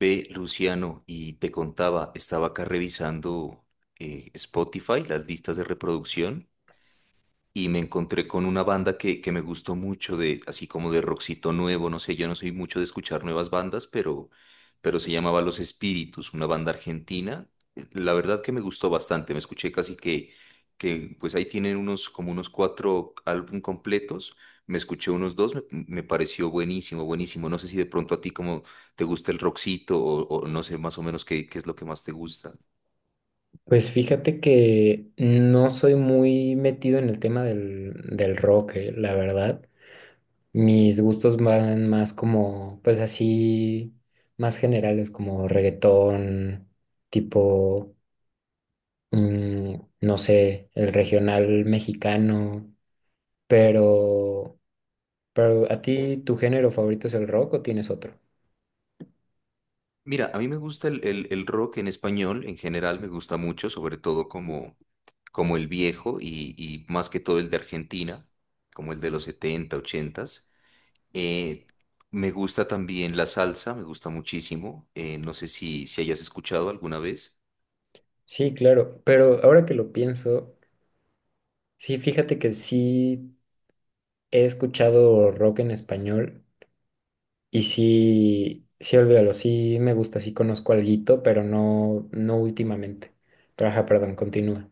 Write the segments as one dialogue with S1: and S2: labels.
S1: Ve, Luciano, y te contaba, estaba acá revisando Spotify, las listas de reproducción, y me encontré con una banda que me gustó mucho, de, así como de rockcito nuevo, no sé, yo no soy mucho de escuchar nuevas bandas, pero se llamaba Los Espíritus, una banda argentina. La verdad que me gustó bastante, me escuché casi que pues ahí tienen unos, como unos cuatro álbum completos, me escuché unos dos, me pareció buenísimo, buenísimo. No sé si de pronto a ti como te gusta el rockcito o no sé más o menos qué es lo que más te gusta.
S2: Pues fíjate que no soy muy metido en el tema del rock, la verdad. Mis gustos van más como, pues así, más generales, como reggaetón, tipo, mm, no sé, el regional mexicano. Pero, pero ¿a ti tu género favorito es el rock o tienes otro?
S1: Mira, a mí me gusta el rock en español, en general me gusta mucho, sobre todo como el viejo y más que todo el de Argentina, como el de los setenta, 80. Eh, Me gusta también la salsa, me gusta muchísimo. No sé si hayas escuchado alguna vez.
S2: Sí, claro, pero ahora que lo pienso, sí, fíjate que sí he escuchado rock en español. Y sí, sí, olvídalo, sí me gusta, sí conozco alguito, pero no, no últimamente. Pero ajá, perdón, continúa.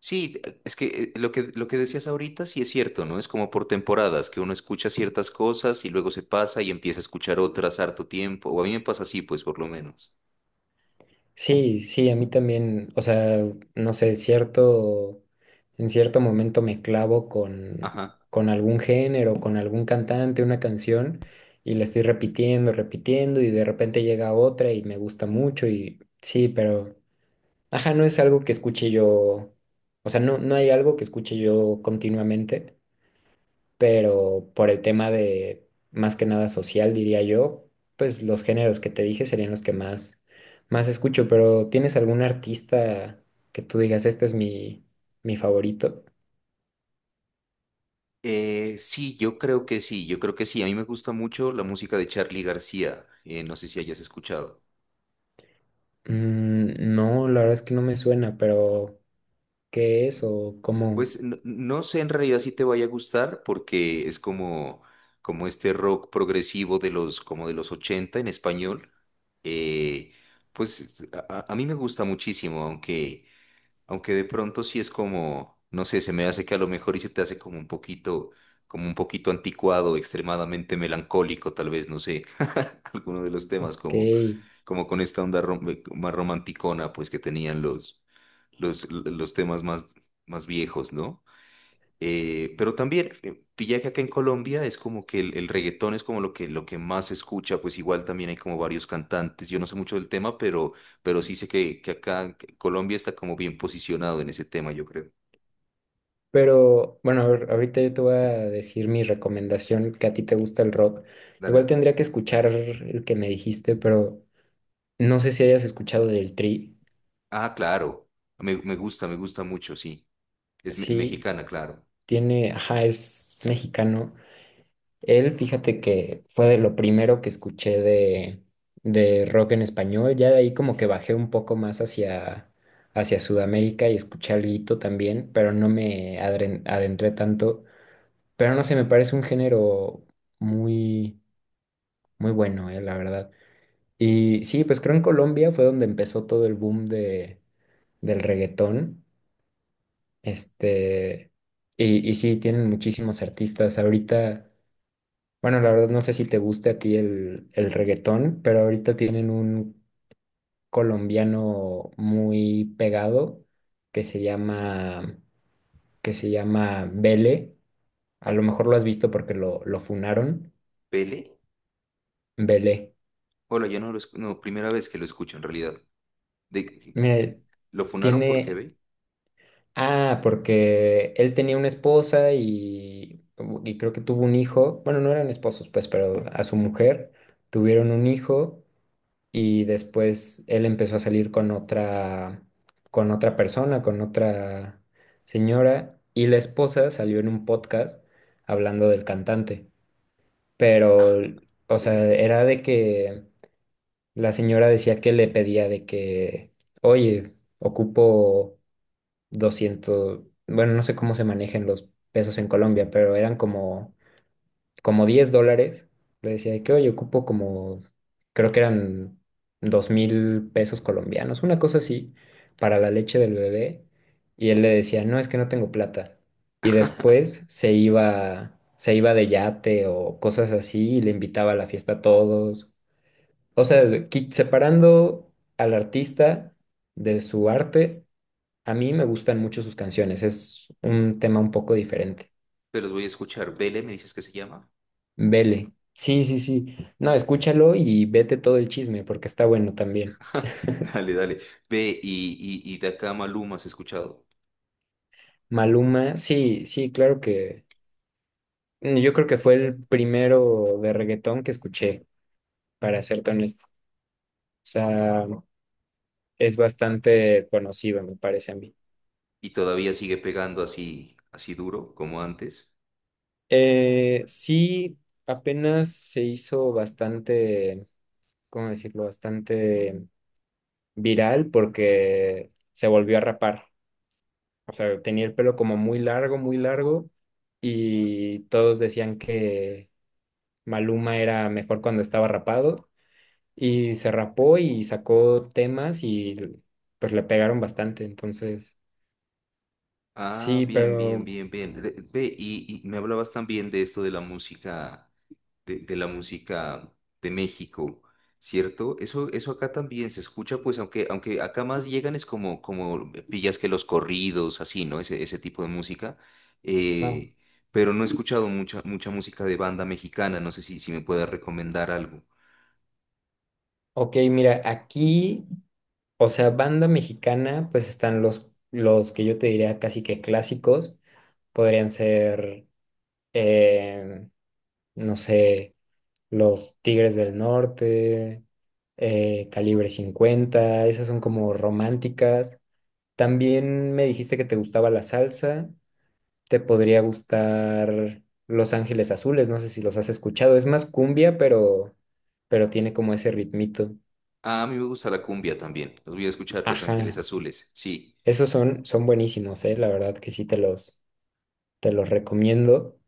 S1: Sí, es que lo que decías ahorita sí es cierto, ¿no? Es como por temporadas, que uno escucha ciertas cosas y luego se pasa y empieza a escuchar otras harto tiempo, o a mí me pasa así, pues por lo menos.
S2: Sí, sí, a mí también, o sea, no sé, cierto, en cierto momento me clavo con,
S1: Ajá.
S2: con algún género, con algún cantante, una canción, y la estoy repitiendo, repitiendo, y de repente llega otra y me gusta mucho, y sí, pero, ajá, no es algo que escuche yo, o sea, no, no hay algo que escuche yo continuamente pero por el tema de más que nada social, diría yo, pues los géneros que te dije serían los que más escucho, pero ¿tienes algún artista que tú digas, este es mi favorito?
S1: Sí, yo creo que sí, yo creo que sí. A mí me gusta mucho la música de Charly García. No sé si hayas escuchado.
S2: No, la verdad es que no me suena, pero ¿qué es o cómo?
S1: Pues no, no sé en realidad si te vaya a gustar porque es como este rock progresivo como de los 80 en español. Eh, pues a mí me gusta muchísimo, aunque aunque de pronto sí es como, no sé, se me hace que a lo mejor y se te hace como un poquito anticuado, extremadamente melancólico, tal vez, no sé, alguno de los temas como,
S2: ¿Qué?
S1: como con esta onda más romanticona, pues que tenían los temas más viejos, ¿no? Pero también pilla que acá en Colombia es como que el reggaetón es como lo que más se escucha, pues igual también hay como varios cantantes, yo no sé mucho del tema, pero sí sé que acá que Colombia está como bien posicionado en ese tema, yo creo.
S2: Pero bueno, a ver, ahorita yo te voy a decir mi recomendación, que a ti te gusta el rock.
S1: Dale,
S2: Igual
S1: dale.
S2: tendría que escuchar el que me dijiste, pero no sé si hayas escuchado del Tri.
S1: Ah, claro, me gusta, me gusta mucho, sí, es
S2: Sí,
S1: mexicana, claro.
S2: tiene, ajá, es mexicano. Él, fíjate que fue de lo primero que escuché de rock en español. Ya de ahí como que bajé un poco más hacia, Sudamérica y escuché alguito también, pero no me adentré tanto. Pero no sé, me parece un género muy, muy bueno, la verdad. Y sí, pues creo en Colombia fue donde empezó todo el boom del reggaetón. Este, y sí, tienen muchísimos artistas. Ahorita. Bueno, la verdad no sé si te guste a ti el reggaetón, pero ahorita tienen un colombiano muy pegado que se llama, que se llama Vele. A lo mejor lo has visto porque lo funaron.
S1: ¿Pele?
S2: Vele.
S1: Hola, yo no lo escu- no, primera vez que lo escucho en realidad. De,
S2: Mira,
S1: ¿Lo funaron porque
S2: tiene.
S1: ve?
S2: Ah, porque él tenía una esposa y creo que tuvo un hijo. Bueno, no eran esposos, pues, pero a su mujer tuvieron un hijo y después él empezó a salir con otra persona, con otra señora, y la esposa salió en un podcast hablando del cantante, pero, o
S1: Que
S2: sea,
S1: yo- que-
S2: era de que la señora decía que le pedía de que, oye, ocupo 200 bueno, no sé cómo se manejan los pesos en Colombia, pero eran como 10 dólares. Le decía de que, oye, ocupo como, creo que eran 2.000 pesos colombianos, una cosa así, para la leche del bebé. Y él le decía, no, es que no tengo plata. Y después se iba de yate o cosas así y le invitaba a la fiesta a todos. O sea, separando al artista de su arte, a mí me gustan mucho sus canciones. Es un tema un poco diferente.
S1: Pero los voy a escuchar. ¿Vele me dices que se llama?
S2: Vele. Sí, sí, sí. No, escúchalo y vete todo el chisme porque está bueno también.
S1: Dale, dale. Ve y de acá Maluma has escuchado.
S2: Maluma, sí, sí, claro que yo creo que fue el primero de reggaetón que escuché, para serte honesto. O sea, es bastante conocido, me parece a mí.
S1: Y todavía sigue pegando así duro como antes.
S2: Sí, apenas se hizo bastante, ¿cómo decirlo? Bastante viral porque se volvió a rapar. O sea, tenía el pelo como muy largo, y todos decían que Maluma era mejor cuando estaba rapado, y se rapó y sacó temas y pues le pegaron bastante, entonces,
S1: Ah,
S2: sí,
S1: bien, bien,
S2: pero,
S1: bien, bien. Ve y me hablabas también de esto de la música, de la música de México, ¿cierto? Eso acá también se escucha, pues, aunque acá más llegan es como pillas que los corridos, así, ¿no? Ese tipo de música.
S2: ah,
S1: Eh, pero no he escuchado mucha, mucha música de banda mexicana. No sé si me puedas recomendar algo.
S2: ok, mira, aquí, o sea, banda mexicana, pues están los que yo te diría casi que clásicos, podrían ser, eh, no sé. Los Tigres del Norte, Calibre 50. Esas son como románticas. También me dijiste que te gustaba la salsa, te podría gustar Los Ángeles Azules, no sé si los has escuchado, es más cumbia, pero, tiene como ese ritmito.
S1: Ah, a mí me gusta la cumbia también. Los voy a escuchar, Los Ángeles
S2: Ajá,
S1: Azules. Sí.
S2: esos son buenísimos, la verdad que sí te los recomiendo,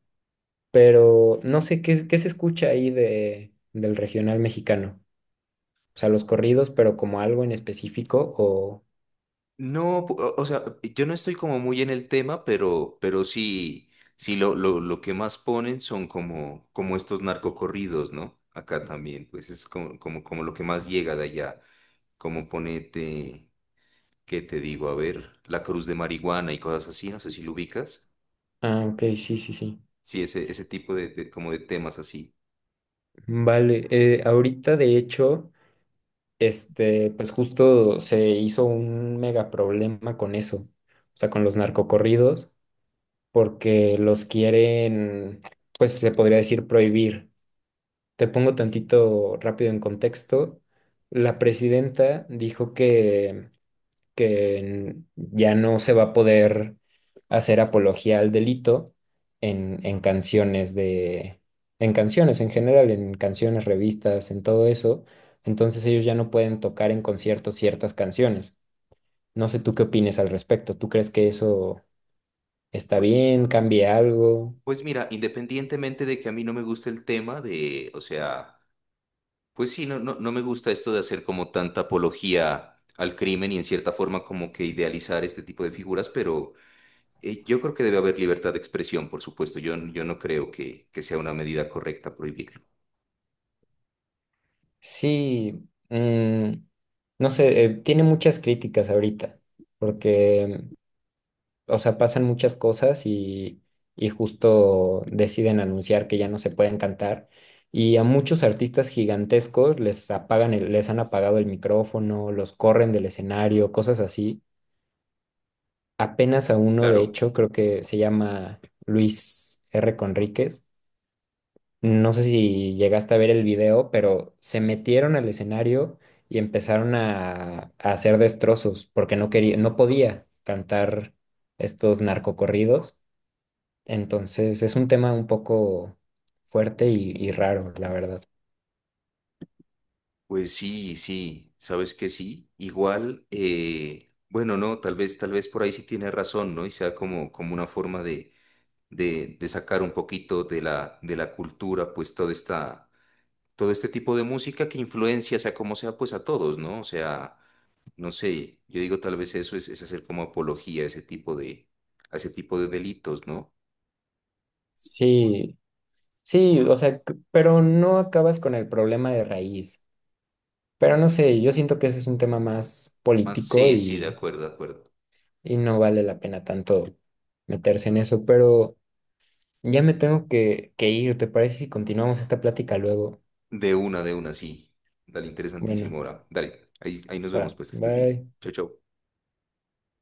S2: pero no sé qué se escucha ahí del regional mexicano. O sea, los corridos, pero como algo en específico o.
S1: No, o sea, yo no estoy como muy en el tema, pero sí, sí lo que más ponen son como estos narcocorridos, ¿no? Acá también, pues es como lo que más llega de allá. Como ponete, ¿qué te digo? A ver, La Cruz de Marihuana y cosas así, no sé si lo ubicas.
S2: Ah, ok, sí, sí, sí.
S1: Sí, ese tipo como de temas así.
S2: Vale, ahorita de hecho, este, pues justo se hizo un mega problema con eso, o sea, con los narcocorridos, porque los quieren, pues se podría decir prohibir. Te pongo tantito rápido en contexto. La presidenta dijo que ya no se va a poder hacer apología al delito en canciones en canciones en general, en canciones, revistas, en todo eso. Entonces ellos ya no pueden tocar en conciertos ciertas canciones. No sé tú qué opines al respecto. ¿Tú crees que eso está
S1: Pu-
S2: bien? ¿Cambia algo?
S1: Pues mira, independientemente de que a mí no me guste el tema de, o sea, pues sí, no, no, no me gusta esto de hacer como tanta apología al crimen y en cierta forma como que idealizar este tipo de figuras, pero yo creo que debe haber libertad de expresión, por supuesto. Yo no creo que sea una medida correcta prohibirlo.
S2: Sí, no sé, tiene muchas críticas ahorita, porque o sea, pasan muchas cosas y justo deciden anunciar que ya no se pueden cantar. Y a muchos artistas gigantescos les apagan les han apagado el micrófono, los corren del escenario, cosas así. Apenas a uno, de
S1: Claro.
S2: hecho, creo que se llama Luis R. Conríquez. No sé si llegaste a ver el video, pero se metieron al escenario y empezaron a hacer destrozos porque no quería, no podía cantar estos narcocorridos. Entonces es un tema un poco fuerte y raro, la verdad.
S1: Pues sí, sí, sabes que sí. Igual, bueno, no, tal vez por ahí sí tiene razón, ¿no? Y sea como una forma de sacar un poquito de la cultura, pues toda esta todo este tipo de música que influencia, sea como sea, pues a todos, ¿no? O sea, no sé, yo digo tal vez eso es hacer como apología a ese tipo de delitos, ¿no?
S2: Sí, sí, o sea, pero no acabas con el problema de raíz. Pero no sé, yo siento que ese es un tema más
S1: Más,
S2: político
S1: sí, sí, de
S2: y,
S1: acuerdo, de acuerdo.
S2: y no vale la pena tanto meterse en eso. Pero ya me tengo que ir, ¿te parece si continuamos esta plática luego?
S1: De una, sí. Dale, interesantísimo
S2: Bueno,
S1: ahora. Dale, ahí nos
S2: va,
S1: vemos, pues que estés bien.
S2: bye.
S1: Chau, chau.